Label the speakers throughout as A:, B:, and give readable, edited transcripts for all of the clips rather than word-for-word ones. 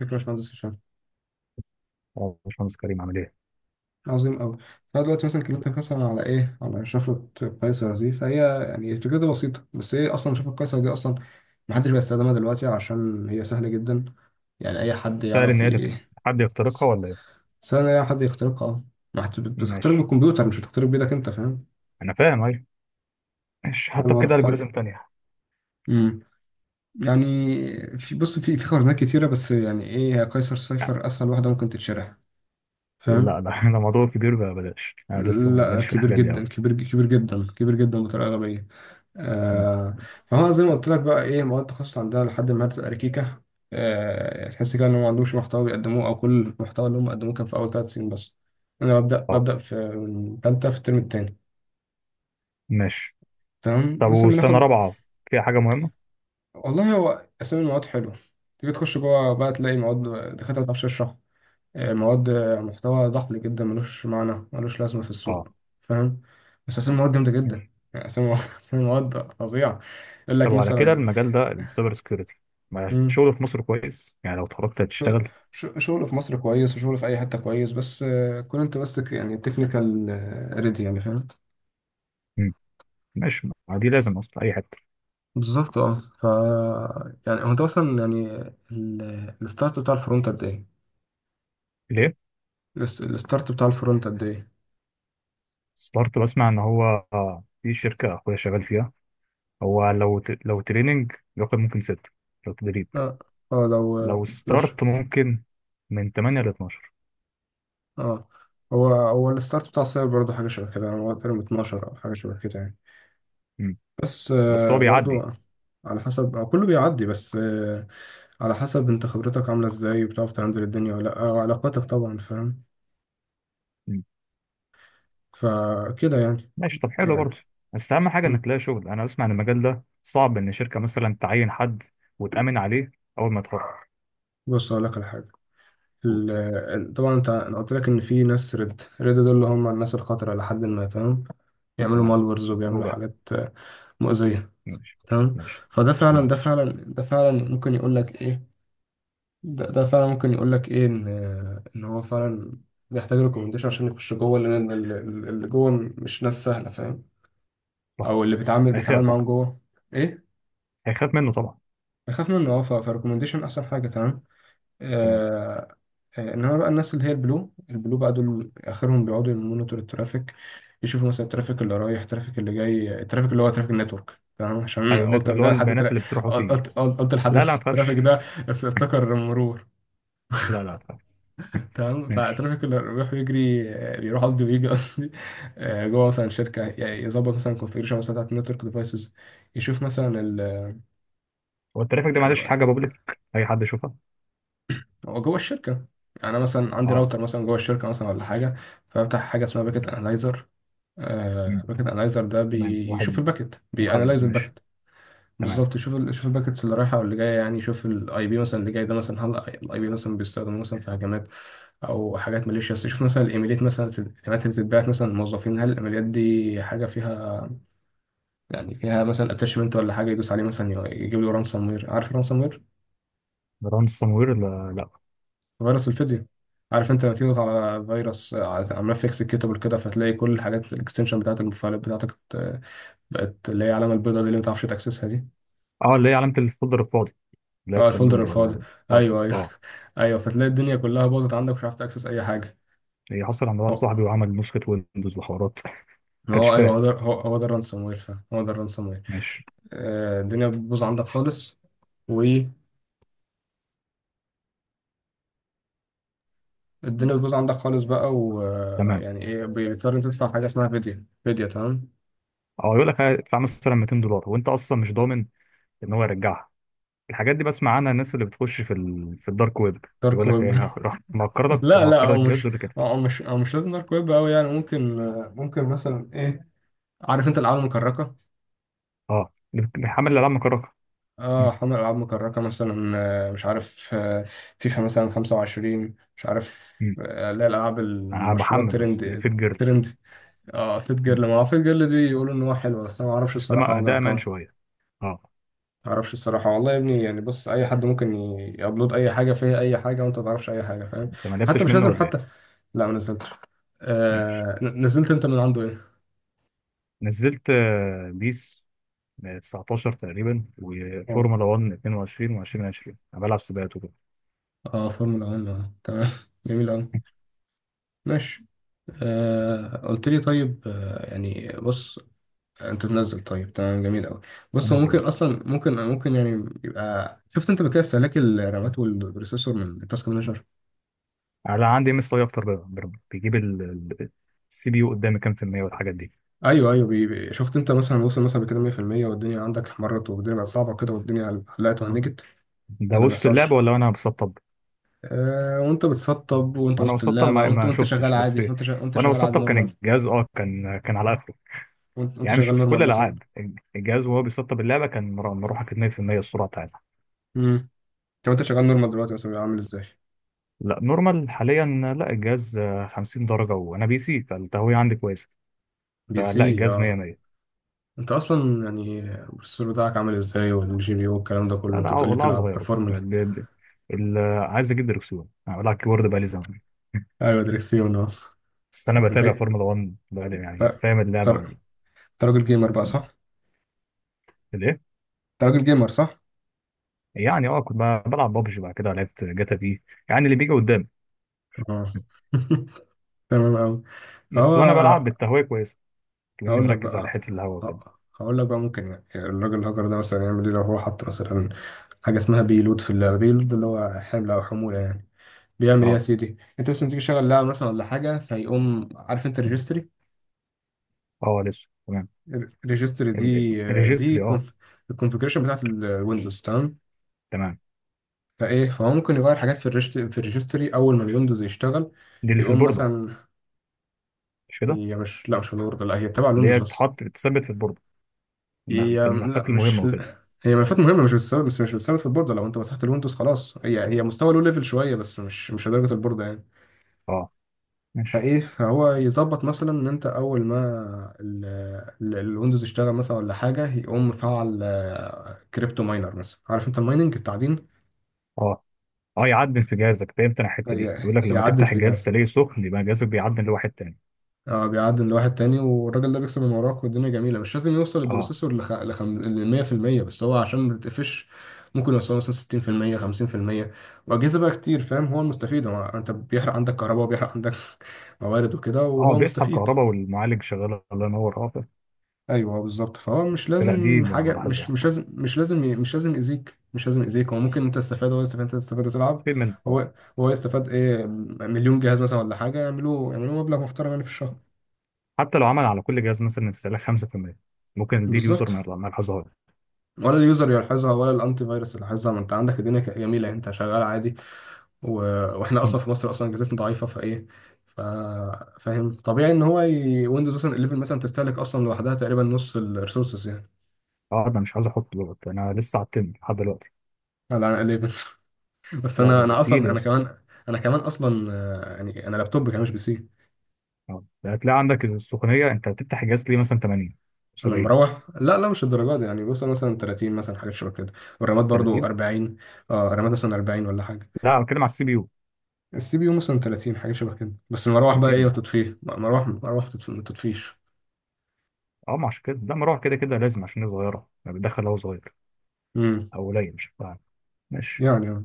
A: فكرة يا باشمهندس هشام.
B: اه باشمهندس كريم عامل ايه؟
A: عظيم أوي. فأنا دلوقتي مثلا كلمتك مثلا على إيه؟ على شفرة قيصر دي، فهي يعني فكرتها بسيطة. بس هي أصلا شفرة قيصر دي أصلا محدش بيستخدمها دلوقتي عشان هي سهلة جدا. يعني أي حد
B: سهل ان
A: يعرف
B: هي تت- حد يخترقها ولا ايه؟
A: سهل أي حد يخترقها. أه، ما حد- بتخترق
B: ماشي،
A: بالكمبيوتر، مش بتخترق بإيدك. أنت فاهم؟
B: انا فاهم. ايوه ماشي،
A: فاهم
B: حتى بكده
A: الوضع؟ فاهم؟
B: الجوريزم تانية.
A: أمم. يعني في بص في في خرائط كتيرة، بس يعني إيه، هي قيصر صفر أسهل واحدة ممكن تتشرح. فاهم؟
B: لا لا انا موضوع كبير بقى بلاش، انا لسه
A: لا،
B: ماليش في
A: كبير
B: الحاجات دي
A: جدا،
B: قوي.
A: كبير، كبير جدا، كبير جدا بطريقة غبية. آه، فهو زي ما قلت لك بقى، ايه، مواد التخصص عندنا لحد ما بتبقى ركيكه. تحس كده ان هم ما عندهمش محتوى بيقدموه، او كل المحتوى اللي هم قدموه كان في اول ثلاث سنين بس. انا ببدا
B: اه
A: ببدا في من ثالثه في الترم الثاني.
B: ماشي.
A: تمام،
B: طب
A: مثلا
B: والسنة
A: بناخد.
B: رابعة فيها حاجة مهمة؟
A: والله هو اسامي المواد حلوه، تيجي تخش جوه بقى تلاقي مواد، دكاتره ما بتعرفش تشرح. مواد، محتوى ضحل جدا، ملوش معنى، ملوش لازمه في
B: اه
A: السوق. فاهم. بس اسامي المواد جامده جدا.
B: ماشي.
A: يعني اسامي اسامي المواد فظيعه. يقول
B: طب
A: لك
B: وعلى كده
A: مثلا.
B: المجال ده السايبر سكيورتي، ما الشغل في مصر كويس؟ يعني لو اتخرجت
A: شغل،
B: هتشتغل.
A: شغل في مصر كويس وشغل في اي حته كويس، بس كون انت ماسك يعني تكنيكال ريدي، يعني فاهم.
B: مم. ماشي، ما دي لازم اصلا اي حتة.
A: بالظبط، اه. ف يعني هو انت اصلا يعني الستارت بتاع الفرونت قد ايه؟
B: ليه؟
A: الستارت بتاع الفرونت قد ايه؟
B: ستارت، بسمع ان هو في شركة اخويا شغال فيها، هو لو لو تريننج ياخد ممكن ستة، لو تدريب،
A: اه، اه، لو،
B: لو
A: لو ش-
B: ستارت ممكن من 8 ل 12.
A: اه، هو الستارت بتاع السايبر برضه حاجه شبه كده، يعني هو تقريبا 12 او حاجه شبه كده يعني.
B: مم.
A: بس
B: بس هو بيعدي.
A: برضه على حسب، كله بيعدي، بس على حسب انت خبرتك عامله ازاي، وبتعرف تهندل الدنيا ولا لا، وعلاقاتك طبعا، فاهم.
B: مم.
A: فكده يعني.
B: ماشي، طب حلو برضه.
A: يعني.
B: بس اهم حاجه انك
A: مم.
B: تلاقي شغل، انا بسمع ان المجال ده صعب، ان شركه مثلا تعين حد وتامن عليه اول ما يتخرج.
A: بص أقول لك على حاجة.
B: قول.
A: طبعا انت انا قلت لك ان في ناس ريد، ريد دول اللي هم الناس الخطرة، لحد ما تمام. بيعملوا
B: تمام.
A: مالورز
B: له
A: وبيعملوا
B: بقى.
A: حاجات مؤذية.
B: ماشي.
A: تمام.
B: ماشي.
A: فده فعلا
B: تمام.
A: ده فعلا ده فعلا ممكن يقول لك ايه، ده فعلا ممكن يقول لك ايه، ان ان هو فعلا بيحتاج ريكومنديشن عشان يخش جوه، لان اللي جوه مش ناس سهلة، فاهم.
B: صح.
A: او اللي بيتعامل
B: هيخاف،
A: معاهم جوه. ايه.
B: هيخاف منه طبعا.
A: بيخاف منه، اه، فريكومنديشن احسن حاجة. تمام.
B: تمام.
A: آه، انما بقى الناس اللي هي البلو بقى، دول اخرهم بيقعدوا يمونيتور الترافيك. يشوفوا مثلا الترافيك اللي رايح، الترافيك اللي جاي، الترافيك اللي هو ترافيك نتورك. تمام. عشان
B: ايوه،
A: قلت
B: النتورك اللي هو
A: جاي لحد
B: البيانات اللي بتروح وتيجي.
A: قلت لحد
B: لا لا ما تخافش.
A: الترافيك ده. افتكر مرور.
B: لا لا ما تخافش.
A: تمام.
B: ماشي.
A: فالترافيك اللي بيروح يجري، بيروح قصدي، ويجي قصدي، جوه مثلا شركه، يعني يظبط مثلا الكونفيجريشن مثلا بتاعت النتورك ديفايسز. يشوف مثلا
B: هو الترافيك ده معلش حاجه بابليك اي حد يشوفها؟
A: هو جوه الشركه. يعني انا مثلا عندي
B: اه.
A: راوتر مثلا جوه الشركه مثلا ولا حاجه، فافتح حاجه اسمها باكيت انالايزر. باكت انالايزر ده
B: تمام،
A: بيشوف
B: واحد
A: الباكت،
B: محدد،
A: بيانالايز
B: ماشي.
A: الباكت.
B: تمام.
A: بالظبط، يشوف يشوف الباكتس اللي رايحه واللي جايه. يعني يشوف الاي بي مثلا اللي جاي ده مثلا، هل الاي بي مثلا بيستخدم مثلا في هجمات او حاجات ماليشيس. يشوف مثلا الايميلات مثلا، الايميلات اللي بتتبعت مثلا للموظفين، هل الايميلات دي حاجه فيها، يعني فيها مثلا اتاشمنت ولا حاجه يدوس عليه مثلا يجيب له رانسوم وير. عارف الرانسوم وير؟
B: جدران السموير، لا لا.
A: فيروس الفيديو. عارف انت لما تيجي تضغط على فيروس، على ملف اكسكيوتابل كده، فتلاقي كل الحاجات، الاكستنشن بتاعت المفاعلات بتاعتك بقت اللي هي العلامة البيضاء دي اللي ما تعرفش تأكسسها دي.
B: اه، اللي هي علامة الفولدر الفاضي، اللي هي
A: اه، الفولدر
B: الصندوق
A: الفاضي.
B: ولا بتاعته،
A: ايوه، ايوه.
B: اه.
A: ايوه، فتلاقي الدنيا كلها باظت عندك، مش عارف تأكسس اي حاجة.
B: هي حصل عند واحد
A: هو،
B: صاحبي وعمل نسخة ويندوز وحوارات ما
A: ما
B: كانش
A: هو ايوه،
B: فاهم.
A: هو ده، هو ده الرانسوم وير فعلا، هو ده الرانسوم وير.
B: ماشي.
A: آه، الدنيا بتبوظ عندك خالص، والدنيا بتبوظ عندك خالص بقى،
B: تمام.
A: ويعني ايه بيضطر تدفع حاجة اسمها فيديا، فيديا. تمام.
B: اه، يقول لك هتدفع مثلا 200 دولار وانت اصلا مش ضامن ان هو يرجعها. الحاجات دي بسمع عنها، الناس اللي بتخش في في الدارك ويب،
A: دارك
B: يقول لك
A: ويب.
B: ايه، راح مهكر لك،
A: لا لا،
B: مهكر
A: او
B: لك الجهاز
A: مش
B: ويقول لك ادفع.
A: او مش او مش لازم دارك ويب قوي يعني. ممكن ممكن مثلا ايه، عارف انت الالعاب المكركه؟
B: اه، اللي بيحمل الالعاب مكركه.
A: اه،
B: مم.
A: حمل العاب مكركه مثلا. مش عارف، فيفا مثلا 25، مش عارف،
B: مم.
A: لا الالعاب
B: انا
A: المشهوره
B: بحمل بس
A: الترند.
B: في الجيرل.
A: ترند، اه. فيت
B: مم.
A: جيرل، ما هو فيت جيرل دي يقولوا ان هو حلو، بس انا ما اعرفش
B: بس
A: الصراحه،
B: ده،
A: ما
B: ده امان
A: جربتها.
B: شويه. اه.
A: ما اعرفش الصراحه والله يا ابني يعني. بص، اي حد ممكن يابلود اي حاجه، فيها اي حاجه وانت ما تعرفش اي حاجه، فاهم.
B: انت ما
A: حتى
B: لعبتش
A: مش
B: منه
A: لازم
B: ولا
A: حتى.
B: ايه؟
A: لا، ما نزلتش.
B: ماشي،
A: آه، نزلت انت من عنده ايه؟
B: نزلت بيس 19 تقريبا،
A: اه،
B: وفورمولا 1 22 و2020، انا بلعب سباقات وكده.
A: اه، فورمولا 1، تمام. جميل قوي. ماشي. آه، قلت لي طيب، آه يعني بص، انت منزل، طيب تمام، جميل قوي. بص هو
B: انزل
A: ممكن
B: اهو.
A: اصلا، ممكن ممكن يعني، يبقى شفت انت بكده استهلاك الرامات والبروسيسور من التاسك مانجر.
B: انا عندي ام اس اي اكتر بقى، بيجيب السي بي يو قدامي كام في المية والحاجات دي.
A: ايوه، ايوه، شفت انت مثلا وصل مثلا بكده 100%، والدنيا عندك احمرت، والدنيا بقت صعبه كده، والدنيا حلقت وهنجت
B: ده
A: ولا ما
B: وسط اللعبة
A: بيحصلش.
B: ولا وانا بسطب؟
A: آه، وانت بتسطب، وانت
B: وانا
A: وسط
B: بسطب
A: اللعبه،
B: ما,
A: وانت
B: ما
A: وانت شغال
B: شفتش،
A: عادي،
B: بس
A: وانت
B: وانا
A: شغال عادي
B: بسطب كان
A: نورمال.
B: الجهاز اه كان، كان على اخره.
A: وانت
B: يعني مش
A: شغال
B: في كل
A: نورمال مثلا.
B: الالعاب، الجهاز وهو بيسطب اللعبة كان مروحة 2% السرعة بتاعتها.
A: امم. طب انت شغال نورمال دلوقتي مثلا بيبقى عامل ازاي؟
B: لا نورمال حاليا، لا الجهاز 50 درجة، وأنا بي سي فالتهوية عندي كويسة،
A: بي سي،
B: فلا الجهاز 100
A: اه.
B: 100.
A: انت اصلا يعني البروسيسور بتاعك عامل ازاي، والجي بي يو، والكلام ده
B: لا
A: كله،
B: لا
A: انت بتقولي
B: والله عاوز
A: بتلعب
B: أغيره،
A: فورمولا.
B: عايز أجيب دركسيون، أنا بلعب كيبورد بقالي زمان
A: ايوه، دريكسيون اصلا.
B: بس أنا
A: انت
B: بتابع فورمولا 1 بقالي، يعني
A: انت
B: فاهم اللعبة ولا.
A: انت راجل جيمر بقى، صح؟
B: الإيه؟
A: انت راجل جيمر، صح؟
B: يعني أه كنت بلعب بابجي، بعد كده لعبت جاتا في، يعني اللي بيجي قدامي.
A: اه. تمام أوي. فهو،
B: بس وأنا بلعب بالتهوية كويسة لأني
A: هقول لك
B: مركز على
A: بقى،
B: حتة الهوا وكده.
A: ه- هقول لك بقى ممكن يعني الراجل الهاكر ده مثلا يعمل ايه لو هو حط مثلا حاجة اسمها بيلود في اللعبة. بيلود ده اللي هو حمل أو حمولة يعني. بيعمل إيه يا
B: أه،
A: سيدي؟ أنت مثلا تيجي تشغل لعبة مثلا ولا حاجة، فيقوم، عارف أنت الريجستري؟
B: أه لسه تمام.
A: ريجستري دي، دي
B: الريجستري أه.
A: الكونفجريشن بتاعت الويندوز تمام.
B: تمام.
A: فايه، فهو ممكن يغير حاجات في في الريجستري اول ما الويندوز يشتغل،
B: دي اللي في
A: يقوم
B: البوردة
A: مثلا.
B: مش كده؟
A: هي مش، لا مش الورد، لا هي تبع
B: اللي
A: الويندوز
B: هي
A: بس.
B: تتحط تثبت في البوردة،
A: هي
B: في
A: لا
B: الملفات المهمه
A: مش،
B: وكده.
A: هي ملفات مهمه، مش بتثبت، بس مش بتثبت في البورده. لو انت مسحت الويندوز خلاص هي، هي مستوى لو ليفل شويه، بس مش، مش لدرجه البورده يعني.
B: اه ماشي.
A: فايه، فهو يظبط مثلا ان انت اول ما الويندوز يشتغل مثلا ولا حاجه، يقوم مفعل كريبتو ماينر مثلا. عارف انت المايننج، التعدين؟
B: اه، اه، يعدل في جهازك، فهمت انا الحته دي، بيقول لك لما
A: هيعدل
B: تفتح
A: في
B: الجهاز
A: جهاز.
B: تلاقيه سخن يبقى جهازك بيعدل لواحد تاني.
A: اه، بيعدل لواحد تاني، والراجل ده بيكسب من وراك، والدنيا جميله. مش لازم يوصل
B: اه،
A: البروسيسور ل 100%، بس هو عشان ما تتقفش ممكن يوصل مثلا 60%، 50%، واجهزه بقى كتير، فاهم. هو المستفيد، هو، انت بيحرق عندك كهرباء، وبيحرق عندك موارد وكده،
B: اه،
A: وهو
B: بيسحب
A: مستفيد.
B: كهرباء والمعالج شغال الله ينور، اه.
A: ايوه، بالظبط. فهو مش
B: بس لا، دي
A: لازم حاجه، مش
B: بلاحظها.
A: مش لازم مش لازم ي- مش لازم يأذيك، مش لازم يأذيك. هو ممكن انت تستفاد، هو يستفاد، انت تستفاد وتلعب.
B: استفيد منك اه.
A: هو هو يستفاد ايه، مليون جهاز مثلا ولا حاجه، يعملوا، يعملوا مبلغ محترم يعني في الشهر.
B: حتى لو عمل على كل جهاز مثلا استهلاك 5%، ممكن دي اليوزر
A: بالظبط.
B: ما يلاحظهاش.
A: ولا اليوزر يلاحظها، ولا الانتي فيروس يلاحظها، ما انت عندك الدنيا جميله، انت شغال عادي. و... واحنا
B: مم.
A: اصلا في مصر اصلا اجهزتنا ضعيفه، فايه، ف... فاهم، طبيعي ان هو ويندوز مثلا 11 مثلا تستهلك اصلا لوحدها تقريبا نص الريسورسز يعني.
B: اه ده مش عايز احط دلوقتي، انا لسه على التن لحد دلوقتي.
A: على 11. بس
B: لا
A: انا،
B: ده
A: انا
B: تقيل
A: اصلا
B: يا
A: انا
B: اسطى.
A: كمان، انا كمان اصلا يعني انا لابتوب كمان مش بي سي.
B: اه، ده هتلاقي عندك السخونيه، انت بتفتح الجهاز ليه مثلا 80
A: انا
B: 70
A: مروح، لا لا مش الدرجات دي يعني، بوصل مثلا 30 مثلا، حاجات شبه كده. والرامات برضو
B: 30.
A: 40. اه، الرامات مثلا 40 ولا حاجه.
B: لا أنا بتكلم على السي بي يو.
A: السي بي يو مثلا 30، حاجه شبه كده. بس المروح بقى ايه،
B: 30
A: وتطفيه مروح، مروح، ما تطفيش.
B: اه، ما عشان كده، لا مروحة كده كده لازم، عشان هي صغيرة يعني بتدخل هو صغير
A: امم.
B: أو قليل، مش فاهم. ماشي.
A: يعني اه.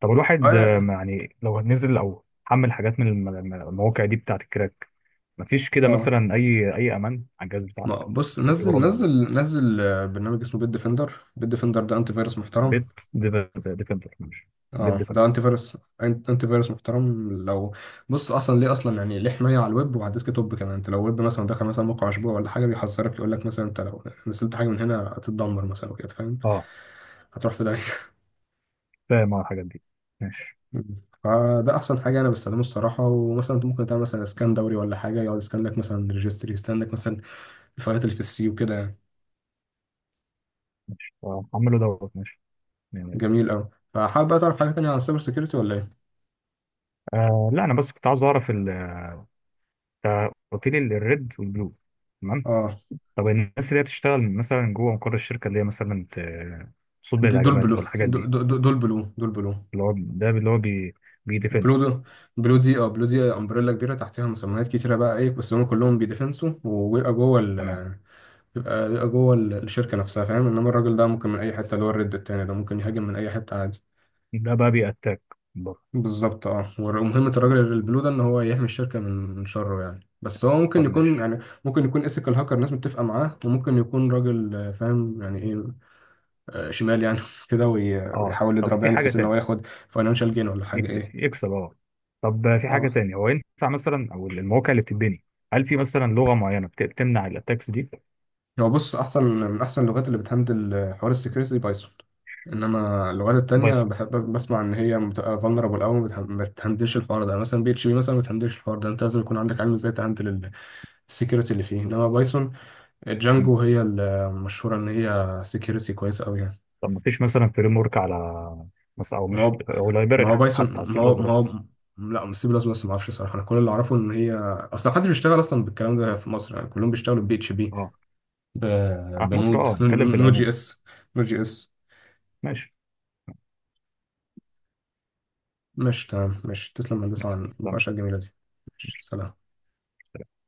B: طب الواحد ما
A: اه.
B: يعني لو نزل أو حمل حاجات من المواقع دي بتاعة الكراك، مفيش كده
A: آه.
B: مثلا أي أي أمان على الجهاز
A: ما
B: بتاعك؟
A: بص،
B: اللي فيه
A: نزل،
B: برامج مثلا،
A: نزل، نزل برنامج اسمه بيت ديفندر. بيت ديفندر ده انتي فيروس محترم.
B: بيت ديفندر، ماشي. بيت
A: اه ده
B: ديفندر،
A: انتي فيروس، انتي فيروس محترم. لو بص اصلا ليه، اصلا يعني ليه حمايه على الويب وعلى الديسك توب كمان. انت لو ويب مثلا، دخل مثلا موقع اسبوع ولا حاجه، بيحذرك يقول لك مثلا انت لو نزلت حاجه من هنا هتتدمر مثلا وكده، فاهم.
B: اه.
A: هتروح في ده.
B: فاهم أنا الحاجات دي. ماشي.
A: مم. فده احسن حاجه انا بستخدمه الصراحه. ومثلا انت ممكن تعمل مثلا اسكان دوري ولا حاجه، يقعد يسكان لك مثلا ريجستري، يسكان لك مثلا الفايلات اللي في السي وكده يعني.
B: ماشي حمله دوت، ماشي يعني.
A: جميل قوي. فحابب بقى تعرف حاجه تانية عن السايبر سيكيورتي ولا ايه؟
B: آه لا، أنا بس كنت عاوز أعرف قلت لي الريد والبلو. تمام.
A: اه،
B: طب الناس اللي هي بتشتغل مثلا جوه مقر الشركة، اللي هي مثلا تصد
A: دي دول
B: الهجمات
A: بلو.
B: أو الحاجات دي؟
A: دول بلو، دول بلو.
B: اللي هو ده اللي هو بي، بي
A: بلو
B: ديفنس.
A: دو، بلو دي، اه، بلو دي امبريلا كبيره، تحتها مسميات كتيره بقى ايه، بس هم كلهم بيدفنسوا، وبيبقى جوه ال،
B: تمام.
A: بيبقى جوه الشركه نفسها، فاهم. انما الراجل ده ممكن من اي حته، اللي هو الريد التاني ده ممكن يهاجم من اي حته عادي.
B: ده بقى بي أتاك بره.
A: بالظبط، اه. ومهمة الراجل البلو ده ان هو يحمي الشركة من شره يعني. بس هو ممكن
B: طب
A: يكون
B: ماشي.
A: يعني، ممكن يكون ايثيكال هاكر، الناس متفقة معاه. وممكن يكون راجل فاهم يعني ايه، شمال يعني كده،
B: اه.
A: ويحاول
B: طب
A: يضرب
B: في
A: يعني،
B: حاجة
A: بحيث ان هو
B: تاني،
A: ياخد فاينانشال جين ولا حاجة، ايه.
B: يكسب، اه. طب في حاجة
A: اه.
B: تانية، هو ينفع مثلا أو المواقع اللي بتتبني، هل في مثلا لغة معينة بتمنع الأتاكس دي؟
A: هو بص، احسن من احسن اللغات اللي بتهندل حوار السكيورتي بايثون. انما اللغات التانية
B: بايثون.
A: بحب بسمع ان هي بتبقى فولنربل قوي، ما بتهندلش الحوار ده يعني. مثلا بي اتش بي مثلا ما بتهندلش الحوار ده، انت لازم يكون عندك علم ازاي تهندل السكيورتي اللي فيه. انما بايثون
B: م.
A: جانجو هي المشهورة إن هي سكيورتي كويس أوي يعني.
B: طب ما فيش مثلا فريم ورك على مثلا، أو
A: ما
B: مش،
A: هو
B: أو
A: ما
B: لايبرري
A: هو بايثون،
B: حتى على سي
A: ما
B: بلس
A: هو ما
B: بلس؟
A: هو لا مش سي بلس بلس، ما أعرفش صراحة. أنا كل اللي أعرفه إن هي أصلا محدش بيشتغل أصلا بالكلام ده في مصر، يعني كلهم بيشتغلوا بي اتش بي.
B: اه في مصر.
A: بنود
B: اه، نتكلم في
A: نو جي
B: العموم.
A: اس، نو جي اس.
B: ماشي.
A: مش تمام؟ مش تسلم يا هندسة على
B: تمام.
A: المناقشة الجميلة دي. مش سلام.